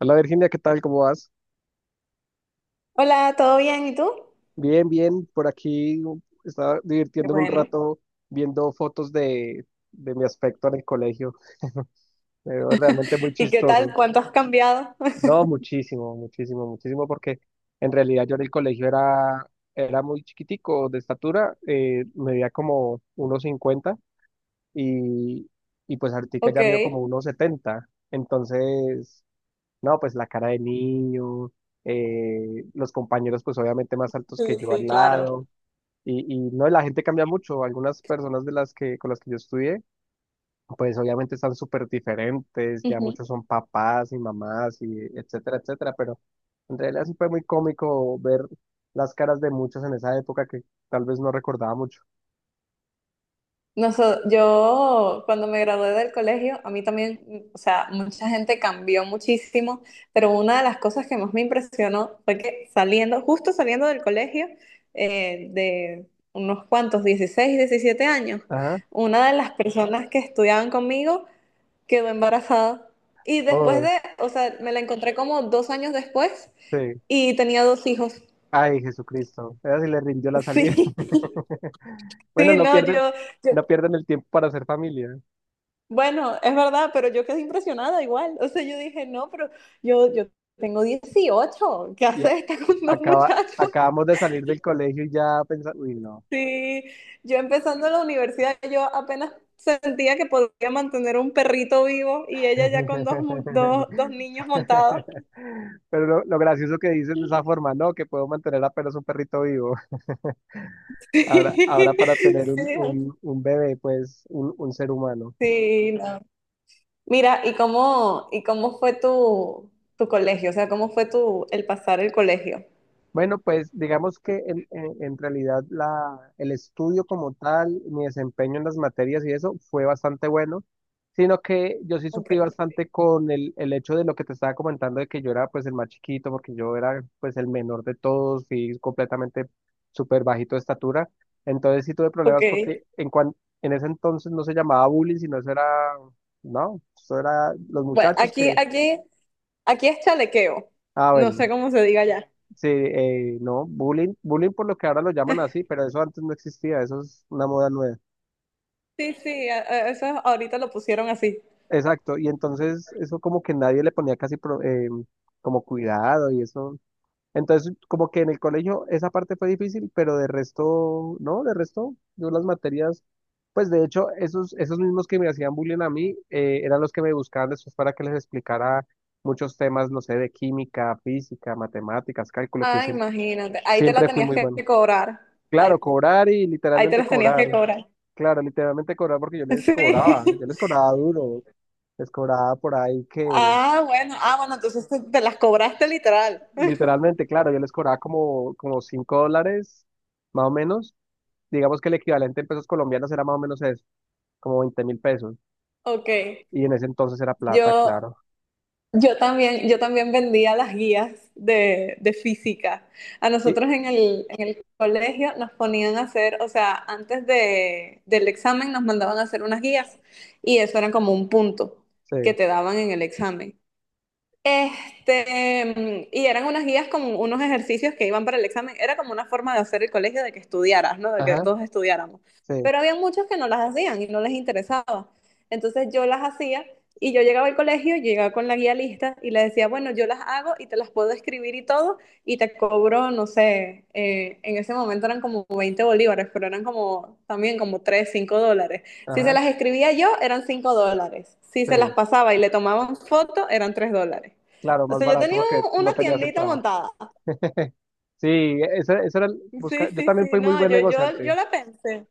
Hola Virginia, ¿qué tal? ¿Cómo vas? Hola, ¿todo bien? ¿Y tú? Bien, bien, por aquí estaba Qué divirtiéndome un bueno. rato viendo fotos de mi aspecto en el colegio. Me veo realmente muy ¿Y qué tal? chistoso. ¿Cuánto has cambiado? No, muchísimo, muchísimo, muchísimo, porque en realidad yo en el colegio era muy chiquitico de estatura, medía como 1,50 y, y pues ahorita Ok. ya mido como 1,70. Entonces. No, pues la cara de niño, los compañeros pues obviamente más altos que Sí, yo al sí, claro. lado, y no, la gente cambia mucho, algunas personas con las que yo estudié, pues obviamente están súper diferentes, ya Ujú. muchos son papás y mamás y etcétera, etcétera, pero en realidad sí fue muy cómico ver las caras de muchos en esa época que tal vez no recordaba mucho. Yo cuando me gradué del colegio, a mí también, o sea, mucha gente cambió muchísimo, pero una de las cosas que más me impresionó fue que saliendo, justo saliendo del colegio, de unos cuantos, 16, 17 años, Ajá, una de las personas que estudiaban conmigo quedó embarazada. Y después oh, de, o sea, me la encontré como dos años después. sí. Y tenía dos hijos. Ay, Jesucristo, ella sí le rindió la salida. Sí, Bueno, sí, no, yo, no pierden el tiempo para hacer familia. bueno, es verdad, pero yo quedé impresionada igual. O sea, yo dije, no, pero yo tengo dieciocho. ¿Qué Y a- haces esta con dos acaba, muchachos? acabamos de salir del colegio y ya pensamos, uy, no. Sí, yo empezando la universidad, yo apenas sentía que podía mantener un perrito vivo y ella ya con dos, dos niños montados. Pero lo gracioso que dices de esa forma, ¿no? Que puedo mantener apenas un perrito vivo. Ahora para tener Sí, un bebé, pues un ser humano. sí, no. Mira, ¿y cómo fue tu, tu colegio? O sea, ¿cómo fue tu, el pasar el colegio? Bueno, pues digamos que en realidad el estudio como tal, mi desempeño en las materias y eso fue bastante bueno, sino que yo sí Ok, sufrí bastante con el hecho de lo que te estaba comentando de que yo era pues el más chiquito, porque yo era pues el menor de todos, fui completamente súper bajito de estatura, entonces sí tuve ok. problemas porque en ese entonces no se llamaba bullying, sino eso era, no, eso era los Bueno, muchachos que, aquí es chalequeo. ah No bueno, sé cómo se diga ya. sí, no, bullying, bullying por lo que ahora lo llaman así, pero eso antes no existía, eso es una moda nueva. Sí, sí, eso ahorita lo pusieron así. Exacto, y entonces eso como que nadie le ponía casi como cuidado y eso. Entonces como que en el colegio esa parte fue difícil, pero de resto, no, de resto, yo las materias, pues de hecho esos mismos que me hacían bullying a mí eran los que me buscaban después para que les explicara muchos temas, no sé, de química, física, matemáticas, cálculo, que Ah, imagínate. Ahí te la siempre fui tenías muy que bueno. cobrar. Claro, Ahí, cobrar y ahí te literalmente las tenías cobrar. que cobrar. Claro, literalmente cobrar porque Sí. Yo les cobraba duro, les cobraba por ahí que, Ah, bueno, ah, bueno, entonces te las cobraste literal. literalmente, claro, yo les cobraba como $5, más o menos. Digamos que el equivalente en pesos colombianos era más o menos eso, como 20.000 pesos. Ok. Y en ese entonces era plata, Yo, claro. yo también, yo también vendía las guías de física. A Y, nosotros en el colegio nos ponían a hacer, o sea, antes de, del examen nos mandaban a hacer unas guías y eso era como un punto que sí, te daban en el examen. Este, y eran unas guías con unos ejercicios que iban para el examen. Era como una forma de hacer el colegio de que estudiaras, ¿no? De que ajá, todos estudiáramos. sí, Pero había muchos que no las hacían y no les interesaba. Entonces yo las hacía y yo llegaba al colegio, yo llegaba con la guía lista y le decía, bueno, yo las hago y te las puedo escribir y todo y te cobro, no sé, en ese momento eran como 20 bolívares, pero eran como también como 3, 5 dólares. Si se ajá, las escribía yo, eran 5 dólares. Si se las sí. pasaba y le tomaban foto, eran 3 dólares. Claro, O más sea, barato porque no una tenías el tiendita trabajo. montada. Sí, eso era, Sí, buscar, yo sí, también sí. fui muy No, buen yo negociante. la pensé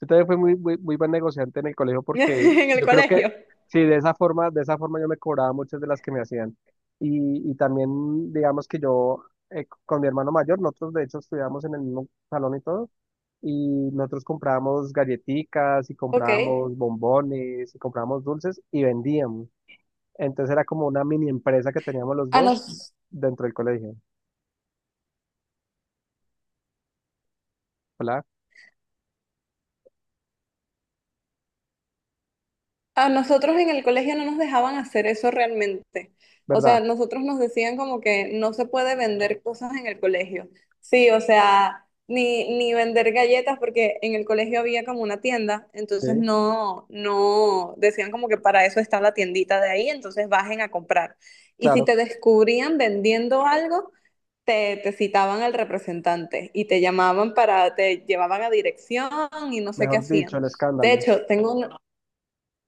Yo también fui muy, muy, muy buen negociante en el colegio porque en el yo creo que colegio. sí, de esa forma yo me cobraba muchas de las que me hacían. Y también, digamos que yo, con mi hermano mayor, nosotros de hecho estudiamos en el mismo salón y todo, y nosotros comprábamos galletitas y Ok. comprábamos bombones y comprábamos dulces y vendíamos. Entonces era como una mini empresa que teníamos los Ah, no. dos dentro del colegio, ¿verdad? A nosotros en el colegio no nos dejaban hacer eso realmente. O sea, ¿Verdad? nosotros nos decían como que no se puede vender cosas en el colegio. Sí, o sea, ni vender galletas porque en el colegio había como una tienda, entonces Sí, no, no, decían como que para eso está la tiendita de ahí, entonces bajen a comprar. Y si claro. te descubrían vendiendo algo, te citaban al representante y te llamaban para, te llevaban a dirección y no sé qué Mejor dicho, hacían. el De escándalo. hecho, tengo, un-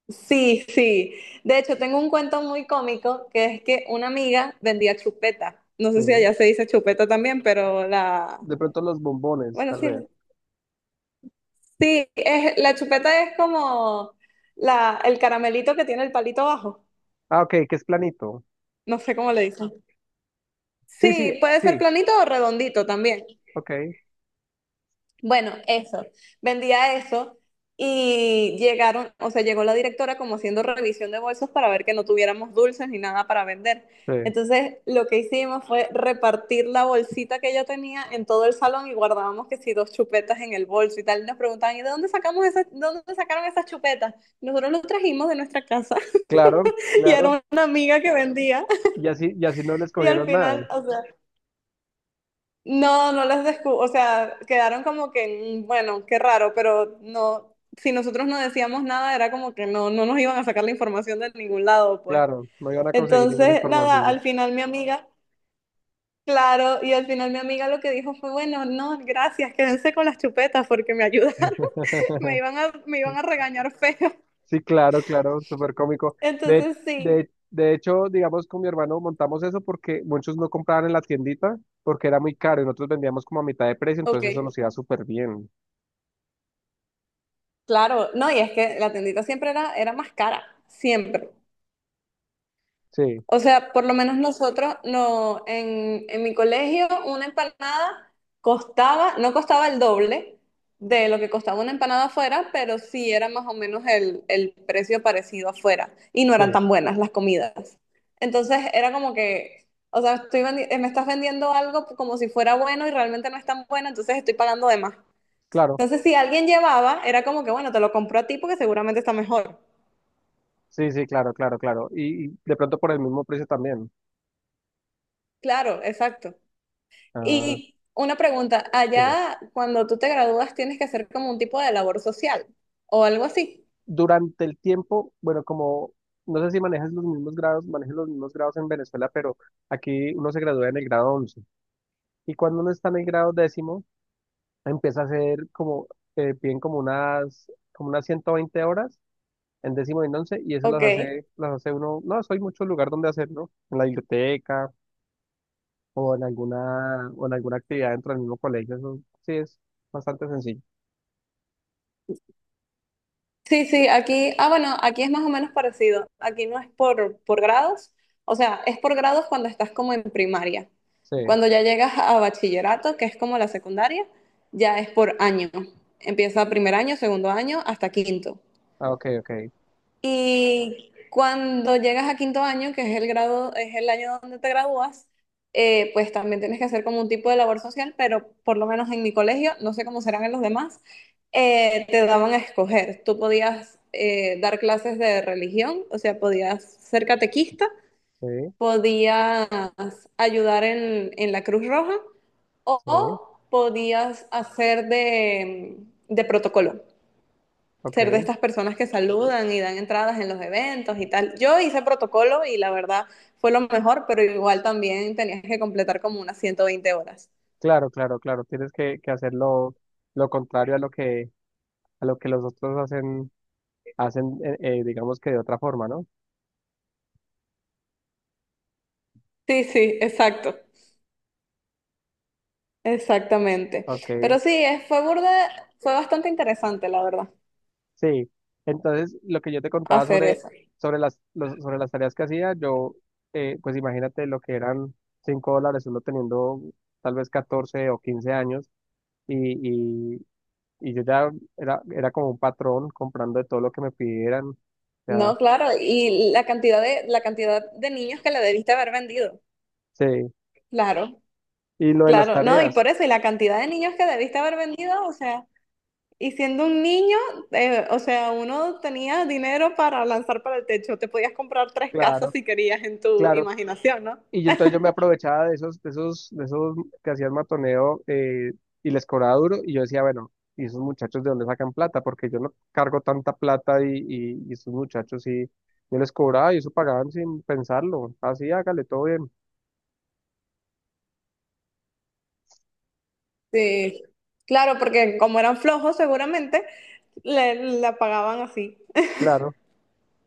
Sí, sí. De hecho, tengo un cuento muy cómico que es que una amiga vendía chupeta. No Sí. sé si allá se dice chupeta también, pero la... De pronto los bombones, Bueno, tal vez. Sí, la chupeta es como la, el caramelito que tiene el palito abajo. Ah, ok, que es planito. No sé cómo le dicen. Sí, sí, Sí, puede ser sí, planito o redondito también. ok, Bueno, eso, vendía eso y llegaron, o sea, llegó la directora como haciendo revisión de bolsos para ver que no tuviéramos dulces ni nada para vender. sí. Entonces, lo que hicimos fue repartir la bolsita que yo tenía en todo el salón y guardábamos que si dos chupetas en el bolso y tal. Y nos preguntaban, ¿de dónde sacaron esas chupetas? Nosotros los trajimos de nuestra casa Claro, y era claro. una amiga que vendía. Y así no les Y al cogieron nada. final, o sea, no, no las descubrí, o sea, quedaron como que, mm, bueno, qué raro, pero no, si nosotros no decíamos nada, era como que no nos iban a sacar la información de ningún lado, pues. Claro, no iban a conseguir ninguna Entonces, nada, información. al final mi amiga, claro, y al final mi amiga lo que dijo fue, bueno, no, gracias, quédense con las chupetas porque me ayudaron, me iban a regañar feo. Sí, claro, claro, súper cómico. De, Entonces, sí, de hecho, digamos, con mi hermano montamos eso porque muchos no compraban en la tiendita porque era muy caro y nosotros vendíamos como a mitad de precio, ok, entonces eso nos iba súper bien. claro, no, y es que la tendita siempre era más cara, siempre. Sí, O sea, por lo menos nosotros, no, en mi colegio una empanada costaba, no costaba el doble de lo que costaba una empanada afuera, pero sí era más o menos el precio parecido afuera y no eran sí, tan buenas las comidas. Entonces era como que, o sea, me estás vendiendo algo como si fuera bueno y realmente no es tan bueno, entonces estoy pagando de más. claro. Entonces si alguien llevaba, era como que, bueno, te lo compro a ti porque seguramente está mejor. Sí, sí, claro, claro, claro. Y de pronto por el mismo precio también. Claro, exacto. Ah, Y una pregunta, dime. allá cuando tú te gradúas tienes que hacer como un tipo de labor social o algo así. Durante el tiempo, bueno, como no sé si manejas los mismos grados, manejas los mismos grados en Venezuela, pero aquí uno se gradúa en el grado once. Y cuando uno está en el grado décimo, empieza a hacer como, piden como unas 120 horas en décimo y en once, y eso Ok. Las hace uno, no, eso hay mucho lugar donde hacerlo, en la biblioteca o en alguna actividad dentro del mismo colegio, eso sí es bastante sencillo. Sí, sí, aquí, ah, bueno, aquí es más o menos parecido. Aquí no es por grados, o sea, es por grados cuando estás como en primaria. Sí, Cuando ya llegas a bachillerato, que es como la secundaria, ya es por año. Empieza primer año, segundo año, hasta quinto. ah, ok, ok, Y cuando llegas a quinto año, que es el grado, es el año donde te gradúas, pues también tienes que hacer como un tipo de labor social, pero por lo menos en mi colegio, no sé cómo serán en los demás, te daban a escoger. Tú podías dar clases de religión, o sea, podías ser catequista, sí, podías ayudar en la Cruz Roja sí, o podías hacer de protocolo, ser de ok. estas personas que saludan y dan entradas en los eventos y tal. Yo hice protocolo y la verdad fue lo mejor, pero igual también tenías que completar como unas 120 horas. Claro, claro, claro. Tienes que hacer lo contrario a a lo que los otros hacen digamos que de otra forma, ¿no? Sí, sí, exacto, exactamente. Ok, Pero sí, fue burda, fue bastante interesante, la verdad, sí. Entonces, lo que yo te contaba hacer eso. Sobre las tareas que hacía, pues imagínate lo que eran $5 uno teniendo tal vez 14 o 15 años y, y, y yo ya era como un patrón comprando de todo lo que me pidieran. O sea, No, claro, y la cantidad de niños que le debiste haber vendido. sí. Claro, Y lo de las claro, no, y tareas, por eso, y la cantidad de niños que debiste haber vendido, o sea, y siendo un niño, o sea, uno tenía dinero para lanzar para el techo. Te podías comprar tres casas claro. si querías en tu Claro. imaginación, ¿no? Entonces yo me aprovechaba de de esos que hacían matoneo, y les cobraba duro. Y yo decía, bueno, ¿y esos muchachos de dónde sacan plata? Porque yo no cargo tanta plata y esos muchachos sí, yo les cobraba y eso pagaban sin pensarlo. Así, hágale, todo bien. Sí, claro, porque como eran flojos, seguramente le, la pagaban así. Claro.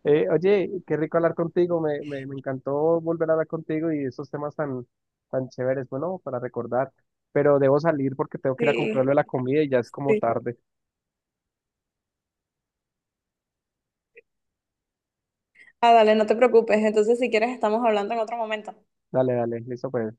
Oye, qué rico hablar contigo. Me encantó volver a hablar contigo y esos temas tan, tan chéveres. Bueno, para recordar. Pero debo salir porque tengo que ir a Sí, comprarle la comida y ya es como sí. tarde. Ah, dale, no te preocupes. Entonces, si quieres, estamos hablando en otro momento. Dale, dale, listo, pues.